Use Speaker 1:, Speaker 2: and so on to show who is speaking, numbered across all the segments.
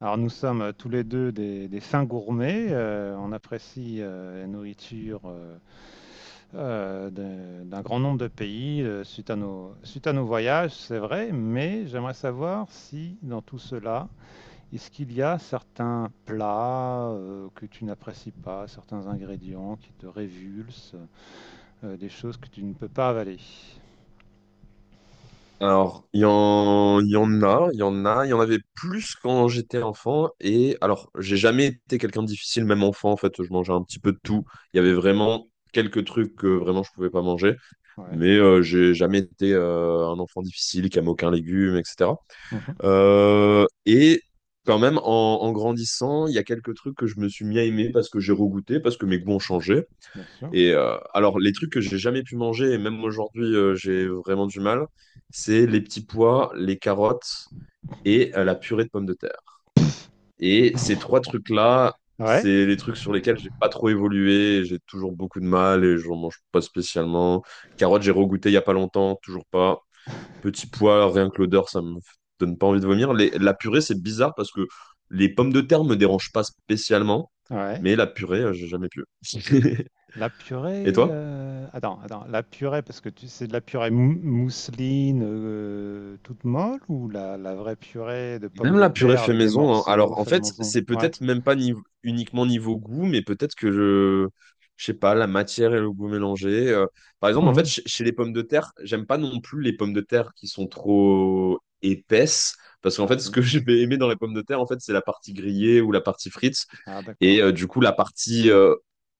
Speaker 1: Alors nous sommes tous les deux des fins gourmets. On apprécie la nourriture d'un grand nombre de pays suite à nos voyages, c'est vrai, mais j'aimerais savoir si dans tout cela, est-ce qu'il y a certains plats que tu n'apprécies pas, certains ingrédients qui te révulsent, des choses que tu ne peux pas avaler.
Speaker 2: Alors, il y en a, il y en a, il y en avait plus quand j'étais enfant. Et alors, j'ai jamais été quelqu'un de difficile, même enfant, en fait, je mangeais un petit peu de tout. Il y avait vraiment quelques trucs que vraiment je pouvais pas manger.
Speaker 1: Ouais.
Speaker 2: Mais j'ai jamais été un enfant difficile qui aime aucun légume, etc.
Speaker 1: Mhm.
Speaker 2: Et quand même, en grandissant, il y a quelques trucs que je me suis mis à aimer parce que j'ai regoûté, parce que mes goûts ont changé.
Speaker 1: Bien sûr.
Speaker 2: Et alors, les trucs que j'ai jamais pu manger, et même aujourd'hui, j'ai vraiment du mal, c'est les petits pois, les carottes et la purée de pommes de terre.
Speaker 1: Ah
Speaker 2: Et ces
Speaker 1: bon.
Speaker 2: trois trucs-là,
Speaker 1: Ouais.
Speaker 2: c'est les trucs sur lesquels j'ai pas trop évolué, j'ai toujours beaucoup de mal et j'en mange pas spécialement. Carottes, j'ai regoûté il y a pas longtemps, toujours pas. Petits pois, rien que l'odeur, ça me donne pas envie de vomir. La purée, c'est bizarre parce que les pommes de terre me dérangent pas spécialement,
Speaker 1: Ouais.
Speaker 2: mais la purée, j'ai jamais pu.
Speaker 1: La
Speaker 2: Et
Speaker 1: purée,
Speaker 2: toi?
Speaker 1: attends, attends, la purée, parce que tu c'est de la purée mousseline toute molle ou la vraie purée de pommes
Speaker 2: Même
Speaker 1: de
Speaker 2: la purée
Speaker 1: terre
Speaker 2: fait
Speaker 1: avec des
Speaker 2: maison, hein.
Speaker 1: morceaux
Speaker 2: Alors, en
Speaker 1: faits de
Speaker 2: fait,
Speaker 1: monzon?
Speaker 2: c'est
Speaker 1: Ouais.
Speaker 2: peut-être même pas uniquement niveau goût, mais peut-être que je sais pas, la matière et le goût mélangés. Par exemple, en fait,
Speaker 1: Mhm.
Speaker 2: chez les pommes de terre, j'aime pas non plus les pommes de terre qui sont trop épaisses, parce qu'en
Speaker 1: Ah
Speaker 2: fait, ce
Speaker 1: oui.
Speaker 2: que je vais aimer dans les pommes de terre, en fait, c'est la partie grillée ou la partie frite.
Speaker 1: Ah d'accord.
Speaker 2: Et du coup, la partie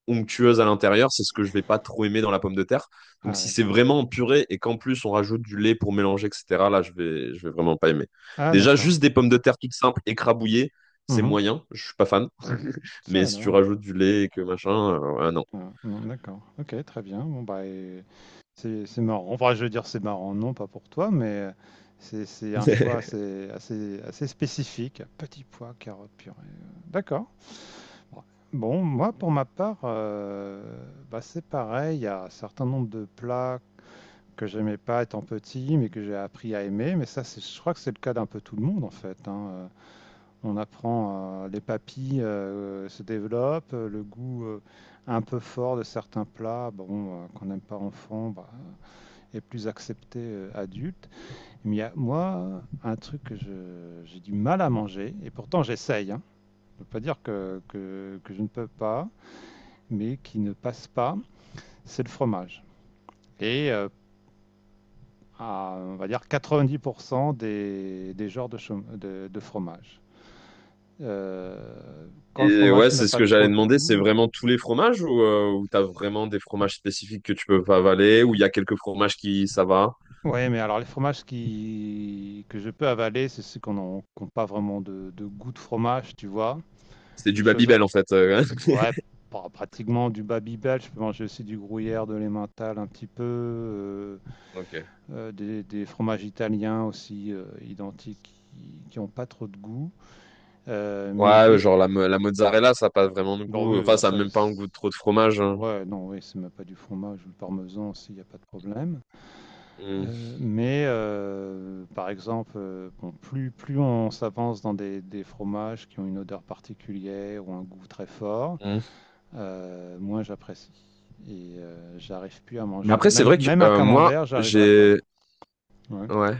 Speaker 2: onctueuse à l'intérieur, c'est ce que je vais pas trop aimer dans la pomme de terre. Donc
Speaker 1: Ah
Speaker 2: si
Speaker 1: oui.
Speaker 2: c'est vraiment en purée et qu'en plus on rajoute du lait pour mélanger, etc., là je vais vraiment pas aimer.
Speaker 1: Ah
Speaker 2: Déjà,
Speaker 1: d'accord.
Speaker 2: juste des pommes de terre toutes simples, écrabouillées, c'est
Speaker 1: Mhm.
Speaker 2: moyen, je suis pas fan.
Speaker 1: Ça
Speaker 2: Mais si tu
Speaker 1: alors.
Speaker 2: rajoutes du lait et que machin, ah non.
Speaker 1: Ah, non, d'accord. Ok, très bien. Bon bah et c'est marrant. Enfin, je veux dire c'est marrant, non, pas pour toi, mais c'est un choix assez spécifique. Petit pois, carottes, purée. D'accord. Bon, moi, pour ma part, bah, c'est pareil. Il y a un certain nombre de plats que j'aimais pas étant petit, mais que j'ai appris à aimer. Mais ça, c'est, je crois que c'est le cas d'un peu tout le monde, en fait, hein. On apprend, les papilles se développent, le goût un peu fort de certains plats, bon, qu'on n'aime pas enfant, bah, est plus accepté adulte. Mais il y a, moi, un truc que j'ai du mal à manger, et pourtant j'essaye, hein. Je ne veux pas dire que je ne peux pas, mais qui ne passe pas, c'est le fromage. Et à, on va dire, 90% des genres de fromage. Euh, Quand le
Speaker 2: Et
Speaker 1: fromage
Speaker 2: ouais,
Speaker 1: n'a
Speaker 2: c'est ce
Speaker 1: pas
Speaker 2: que j'allais
Speaker 1: trop de
Speaker 2: demander, c'est
Speaker 1: goût.
Speaker 2: vraiment tous les fromages ou, ou t'as vraiment des fromages spécifiques que tu peux pas avaler, ou il y a quelques fromages qui ça va?
Speaker 1: Oui, mais alors les fromages que je peux avaler, c'est ceux qui n'ont pas vraiment de goût de fromage, tu vois.
Speaker 2: C'est du
Speaker 1: Des choses.
Speaker 2: Babybel en fait.
Speaker 1: Ouais, pratiquement du Babybel. Je peux manger aussi du gruyère, de l'emmental un petit peu.
Speaker 2: Ok.
Speaker 1: Fromages italiens aussi identiques qui n'ont pas trop de goût. Euh, mais
Speaker 2: Ouais, ouais,
Speaker 1: dès que-
Speaker 2: genre la mozzarella, ça n'a pas vraiment de
Speaker 1: Bon,
Speaker 2: goût.
Speaker 1: oui,
Speaker 2: Enfin,
Speaker 1: voilà,
Speaker 2: ça n'a même pas un goût de trop de fromage. Hein.
Speaker 1: ouais, non, oui, c'est même pas du fromage ou le parmesan aussi, il n'y a pas de problème.
Speaker 2: Mm,
Speaker 1: Par exemple, bon, plus on s'avance dans des fromages qui ont une odeur particulière ou un goût très fort,
Speaker 2: mm.
Speaker 1: moins j'apprécie. Et j'arrive plus à
Speaker 2: Mais
Speaker 1: manger.
Speaker 2: après, c'est vrai que
Speaker 1: Même un
Speaker 2: moi,
Speaker 1: camembert, j'arriverai pas.
Speaker 2: j'ai.
Speaker 1: Ouais.
Speaker 2: Ouais.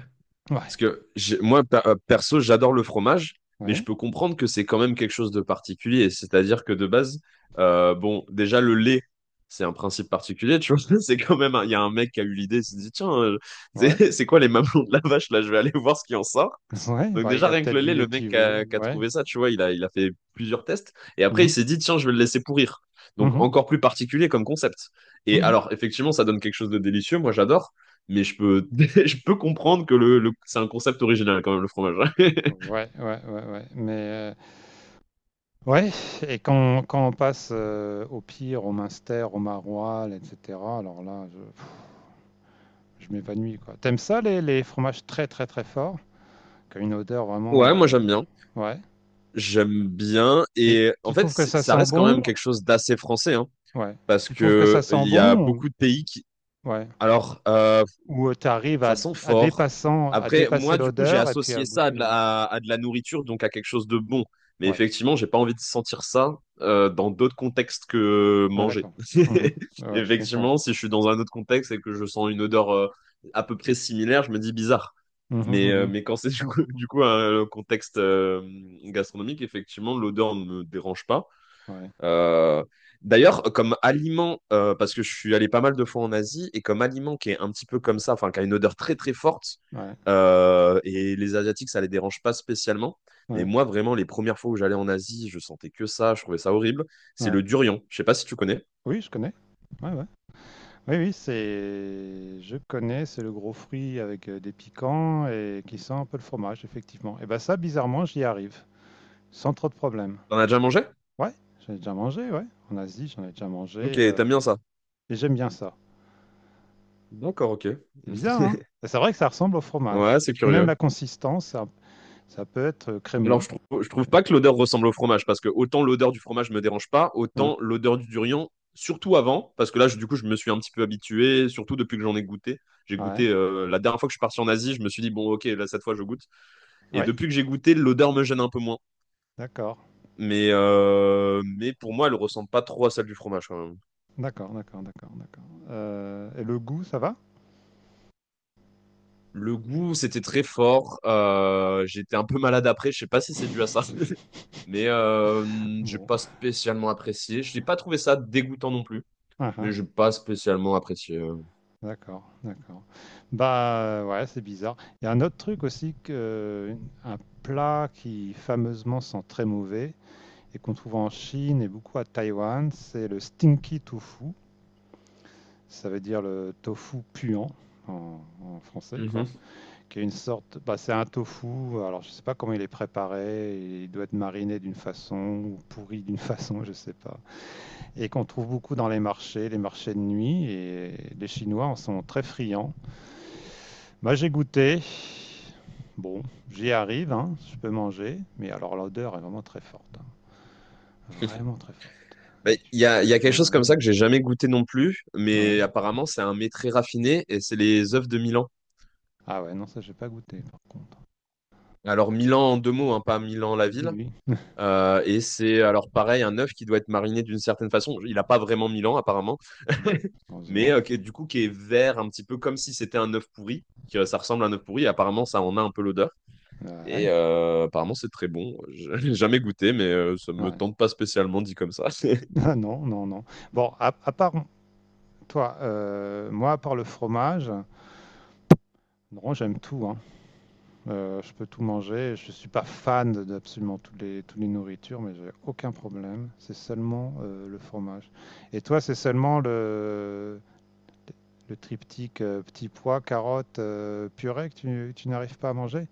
Speaker 1: Ouais.
Speaker 2: Parce que moi, perso, j'adore le fromage, mais
Speaker 1: Ouais.
Speaker 2: je peux comprendre que c'est quand même quelque chose de particulier. C'est-à-dire que de base, bon, déjà, le lait, c'est un principe particulier, tu vois. C'est quand même. Il y a un mec qui a eu l'idée, il s'est dit, tiens, c'est
Speaker 1: Ouais.
Speaker 2: c'est quoi les mamelons de la vache? Là, je vais aller voir ce qui en sort.
Speaker 1: Ouais,
Speaker 2: Donc
Speaker 1: bah, il
Speaker 2: déjà,
Speaker 1: a
Speaker 2: rien que
Speaker 1: peut-être
Speaker 2: le
Speaker 1: vu
Speaker 2: lait,
Speaker 1: des
Speaker 2: le mec
Speaker 1: petits
Speaker 2: qui
Speaker 1: veaux,
Speaker 2: a, qui a
Speaker 1: ouais.
Speaker 2: trouvé ça, tu vois, il a fait plusieurs tests. Et
Speaker 1: Mmh
Speaker 2: après, il
Speaker 1: mh.
Speaker 2: s'est dit, tiens, je vais le laisser pourrir. Donc
Speaker 1: Mmh.
Speaker 2: encore plus particulier comme concept. Et
Speaker 1: Mmh.
Speaker 2: alors, effectivement, ça donne quelque chose de délicieux. Moi, j'adore. Mais je peux, je peux comprendre que c'est un concept original quand même, le fromage.
Speaker 1: Ouais, ouais, ouais, ouais, mais, ouais et quand on passe, au Pire, au Munster, au Maroilles et cetera, alors là, je pff, je m'évanouis, quoi. T'aimes ça les fromages très, très, très forts? Qui ont une odeur
Speaker 2: Ouais, moi
Speaker 1: vraiment,
Speaker 2: j'aime bien.
Speaker 1: ouais,
Speaker 2: J'aime bien.
Speaker 1: mais
Speaker 2: Et en
Speaker 1: tu
Speaker 2: fait,
Speaker 1: trouves que ça
Speaker 2: ça
Speaker 1: sent
Speaker 2: reste quand
Speaker 1: bon?
Speaker 2: même quelque chose d'assez français, hein,
Speaker 1: Ouais.
Speaker 2: parce
Speaker 1: Tu trouves que ça
Speaker 2: que
Speaker 1: sent
Speaker 2: il y
Speaker 1: bon
Speaker 2: a
Speaker 1: ou
Speaker 2: beaucoup de pays qui...
Speaker 1: ouais,
Speaker 2: Alors,
Speaker 1: ou, tu arrives
Speaker 2: ça sent
Speaker 1: à
Speaker 2: fort.
Speaker 1: dépassant à
Speaker 2: Après,
Speaker 1: dépasser
Speaker 2: moi, du coup, j'ai
Speaker 1: l'odeur et puis à
Speaker 2: associé ça à de
Speaker 1: goûter
Speaker 2: la, à de la nourriture, donc à quelque chose de bon. Mais
Speaker 1: ouais,
Speaker 2: effectivement, j'ai pas envie de sentir ça dans d'autres contextes que
Speaker 1: ah
Speaker 2: manger.
Speaker 1: d'accord. Mmh. Ouais, ouais, je comprends.
Speaker 2: Effectivement, si je suis dans un autre contexte et que je sens une odeur à peu près similaire, je me dis bizarre.
Speaker 1: Mmh mh,
Speaker 2: Mais, euh,
Speaker 1: mmh.
Speaker 2: mais quand c'est du coup, du coup un contexte gastronomique, effectivement, l'odeur ne me dérange pas.
Speaker 1: Ouais,
Speaker 2: Euh, D'ailleurs, comme aliment, parce que je suis allé pas mal de fois en Asie, et comme aliment qui est un petit peu comme ça, enfin, qui a une odeur très très forte,
Speaker 1: ouais,
Speaker 2: et les Asiatiques, ça les dérange pas spécialement. Mais
Speaker 1: ouais,
Speaker 2: moi, vraiment, les premières fois où j'allais en Asie, je sentais que ça, je trouvais ça horrible. C'est
Speaker 1: ouais.
Speaker 2: le durian. Je sais pas si tu connais.
Speaker 1: Oui, je connais. Ouais, ouais. Oui, oui, c'est. Je connais, c'est le gros fruit avec des piquants et qui sent un peu le fromage, effectivement. Et ben ça, bizarrement, j'y arrive, sans trop de problème.
Speaker 2: T'en as déjà mangé?
Speaker 1: Ouais, j'en ai déjà mangé, ouais. En Asie, j'en ai déjà mangé.
Speaker 2: Ok, t'aimes bien ça.
Speaker 1: Et j'aime bien ça.
Speaker 2: D'accord, ok.
Speaker 1: C'est bizarre, hein? Et c'est vrai que ça ressemble au fromage.
Speaker 2: Ouais, c'est
Speaker 1: Et puis même
Speaker 2: curieux.
Speaker 1: la consistance, ça peut être
Speaker 2: Alors,
Speaker 1: crémeux.
Speaker 2: je trouve pas que l'odeur ressemble au fromage, parce que autant l'odeur du fromage me dérange pas,
Speaker 1: Ouais,
Speaker 2: autant l'odeur du durian, surtout avant, parce que là, du coup, je me suis un petit peu habitué, surtout depuis que j'en ai goûté. J'ai
Speaker 1: ouais,
Speaker 2: goûté, la dernière fois que je suis parti en Asie, je me suis dit, bon, ok, là, cette fois, je goûte. Et
Speaker 1: ouais,
Speaker 2: depuis que j'ai goûté, l'odeur me gêne un peu moins.
Speaker 1: d'accord.
Speaker 2: Mais pour moi, elle ressemble pas trop à celle du fromage, quand même.
Speaker 1: D'accord, d'accord, d'accord, d'accord. Et le goût, ça va?
Speaker 2: Le goût, c'était très fort. J'étais un peu malade après, je sais pas si c'est dû à ça, mais j'ai
Speaker 1: Bon,
Speaker 2: pas spécialement apprécié. Je n'ai pas trouvé ça dégoûtant non plus.
Speaker 1: ah
Speaker 2: Mais
Speaker 1: ah,
Speaker 2: j'ai pas spécialement apprécié.
Speaker 1: d'accord, d'accord. Bah ouais, c'est bizarre. Il y a un autre truc aussi que un plat qui fameusement sent très mauvais et qu'on trouve en Chine et beaucoup à Taïwan, c'est le stinky tofu. Ça veut dire le tofu puant en français, quoi.
Speaker 2: Mhm.
Speaker 1: Qui est une sorte, bah c'est un tofu. Alors je sais pas comment il est préparé. Il doit être mariné d'une façon ou pourri d'une façon, je sais pas. Et qu'on trouve beaucoup dans les marchés de nuit, et les Chinois en sont très friands. Moi, j'ai goûté. Bon, j'y arrive, hein, je peux manger, mais alors l'odeur est vraiment très forte, hein, vraiment très forte.
Speaker 2: Bah,
Speaker 1: Et
Speaker 2: Il
Speaker 1: tu,
Speaker 2: y
Speaker 1: tu
Speaker 2: a, il
Speaker 1: la
Speaker 2: y a
Speaker 1: sens
Speaker 2: quelque
Speaker 1: dans la
Speaker 2: chose comme
Speaker 1: rue.
Speaker 2: ça que j'ai jamais goûté non plus,
Speaker 1: Ouais.
Speaker 2: mais apparemment c'est un mets très raffiné et c'est les œufs de Milan.
Speaker 1: Ah ouais, non, ça, j'ai pas goûté, par contre.
Speaker 2: Alors Milan en deux mots, hein, pas Milan la
Speaker 1: Oui,
Speaker 2: ville.
Speaker 1: oui,
Speaker 2: Et c'est alors pareil un œuf qui doit être mariné d'une certaine façon. Il n'a pas vraiment Milan apparemment,
Speaker 1: oui.
Speaker 2: mais
Speaker 1: Heureusement.
Speaker 2: du coup qui est vert un petit peu comme si c'était un œuf pourri, que ça ressemble à un œuf pourri. Et apparemment ça en a un peu l'odeur. Et
Speaker 1: Ouais,
Speaker 2: apparemment c'est très bon. Je l'ai jamais goûté, mais ça me
Speaker 1: ouais.
Speaker 2: tente pas spécialement dit comme ça.
Speaker 1: Ah non, non, non. Bon, à part toi, moi, à part le fromage, non, j'aime tout, hein. Je peux tout manger. Je suis pas fan d'absolument toutes toutes les nourritures, mais j'ai aucun problème. C'est seulement le fromage. Et toi, c'est seulement le triptyque petit pois, carotte, purée que tu n'arrives pas à manger?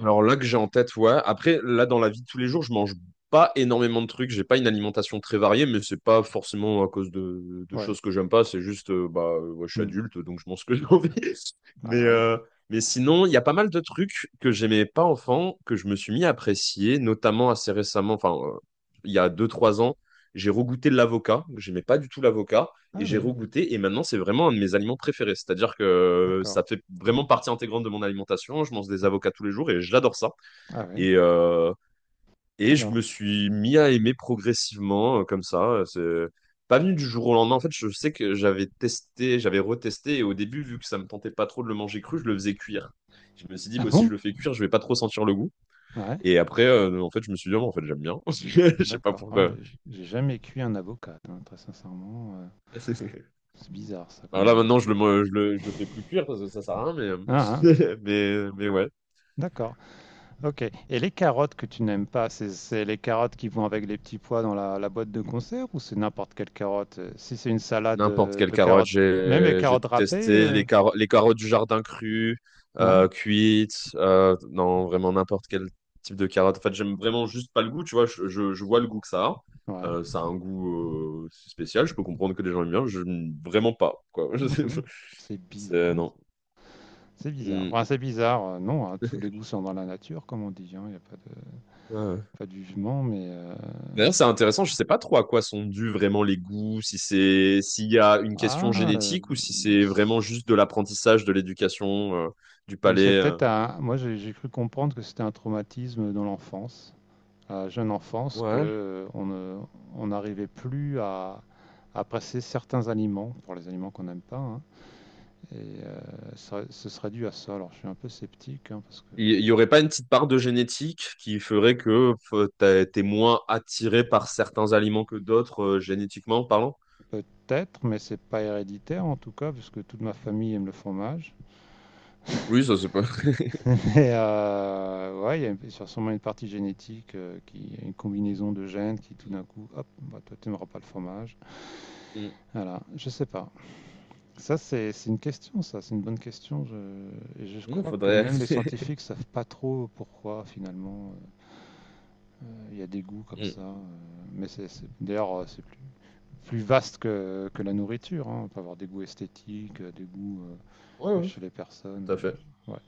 Speaker 2: Alors là que j'ai en tête, ouais. Après, là dans la vie de tous les jours, je mange pas énormément de trucs. J'ai pas une alimentation très variée, mais c'est pas forcément à cause de
Speaker 1: Ouais.
Speaker 2: choses que j'aime pas. C'est juste, ouais, je suis
Speaker 1: Hmm.
Speaker 2: adulte, donc je mange ce que j'ai envie. Mais,
Speaker 1: Ah oui.
Speaker 2: euh, mais sinon, il y a pas mal de trucs que j'aimais pas enfant, que je me suis mis à apprécier, notamment assez récemment, enfin, il y a 2 3 ans, j'ai regoûté de l'avocat. J'aimais pas du tout l'avocat
Speaker 1: Ah
Speaker 2: et j'ai
Speaker 1: oui.
Speaker 2: regoûté et maintenant c'est vraiment un de mes aliments préférés. C'est-à-dire que
Speaker 1: D'accord.
Speaker 2: ça fait vraiment partie intégrante de mon alimentation. Je mange des avocats tous les jours et j'adore ça.
Speaker 1: Ah oui.
Speaker 2: Et, euh, et je me
Speaker 1: Alors.
Speaker 2: suis mis à aimer progressivement comme ça. C'est pas venu du jour au lendemain. En fait, je sais que j'avais testé, j'avais retesté et au début, vu que ça me tentait pas trop de le manger cru, je le faisais cuire. Je me suis dit,
Speaker 1: Ah
Speaker 2: bah, si
Speaker 1: bon?
Speaker 2: je le fais cuire, je vais pas trop sentir le goût.
Speaker 1: Ouais.
Speaker 2: Et après, en fait, je me suis dit, ah, bon, en fait, j'aime bien. Je sais pas
Speaker 1: D'accord. Ah ouais,
Speaker 2: pourquoi.
Speaker 1: j'ai jamais cuit un avocat, hein, très sincèrement. C'est bizarre ça
Speaker 2: Alors
Speaker 1: comme
Speaker 2: là,
Speaker 1: idée.
Speaker 2: maintenant, je le, mo- je le fais plus cuire parce que ça sert à rien,
Speaker 1: Ah, ah.
Speaker 2: mais, mais ouais.
Speaker 1: D'accord. OK. Et les carottes que tu n'aimes pas, c'est les carottes qui vont avec les petits pois dans la boîte de concert ou c'est n'importe quelle carotte? Si c'est une salade
Speaker 2: N'importe quelle
Speaker 1: de
Speaker 2: carotte,
Speaker 1: carottes, même les
Speaker 2: j'ai
Speaker 1: carottes
Speaker 2: tout
Speaker 1: râpées,
Speaker 2: testé. Les carottes du jardin crues,
Speaker 1: ouais,
Speaker 2: cuites, non, vraiment n'importe quel type de carotte. En fait, j'aime vraiment juste pas le goût, tu vois. Je vois le goût que ça a.
Speaker 1: ouais.
Speaker 2: Ça a un goût spécial. Je peux comprendre que les gens aiment bien. Je n'aime vraiment pas, quoi.
Speaker 1: Mhm. C'est
Speaker 2: C'est,
Speaker 1: bizarre.
Speaker 2: non.
Speaker 1: C'est bizarre.
Speaker 2: Mm.
Speaker 1: Enfin, c'est bizarre, non, hein, tous les goûts sont dans la nature, comme on dit, hein. Il n'y a pas
Speaker 2: Ouais.
Speaker 1: pas de jugement, mais
Speaker 2: D'ailleurs, c'est intéressant, je sais pas trop à quoi sont dus vraiment les goûts, si c'est s'il y a une question
Speaker 1: ah, euh,
Speaker 2: génétique ou si c'est vraiment juste de l'apprentissage, de l'éducation, du
Speaker 1: oui, c'est
Speaker 2: palais.
Speaker 1: peut-être un. Moi, j'ai cru comprendre que c'était un traumatisme dans l'enfance. À jeune enfance que
Speaker 2: Ouais.
Speaker 1: on ne- on n'arrivait plus à passer certains aliments, pour les aliments qu'on n'aime pas, hein. Et ce serait dû à ça. Alors je suis un peu sceptique, hein, parce que
Speaker 2: Il y aurait pas une petite part de génétique qui ferait que t'es moins attiré par certains aliments que d'autres, génétiquement parlant?
Speaker 1: peut-être, mais c'est pas héréditaire en tout cas, puisque toute ma famille aime le fromage.
Speaker 2: Oui, ça c'est pas.
Speaker 1: Mais ouais, il y a sûrement une partie génétique, qui une combinaison de gènes qui tout d'un coup, hop, bah, toi tu n'aimeras pas le fromage.
Speaker 2: Mm.
Speaker 1: Voilà, je sais pas. Ça, c'est une question, ça, c'est une bonne question. Et je
Speaker 2: Mm,
Speaker 1: crois que
Speaker 2: faudrait.
Speaker 1: même les scientifiques savent pas trop pourquoi, finalement, il y a des goûts comme
Speaker 2: Mm.
Speaker 1: ça. Mais d'ailleurs, c'est plus vaste que la nourriture, hein. On peut avoir des goûts esthétiques, des goûts
Speaker 2: Ouais, ouais,
Speaker 1: chez les personnes.
Speaker 2: tout à fait.
Speaker 1: Ouais.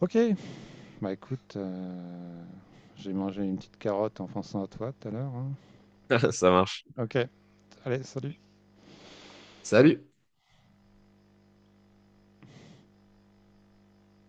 Speaker 1: Ok, bah écoute, j'ai mangé une petite carotte en pensant à toi tout à l'heure, hein.
Speaker 2: Ça marche.
Speaker 1: Ok, allez, salut.
Speaker 2: Salut.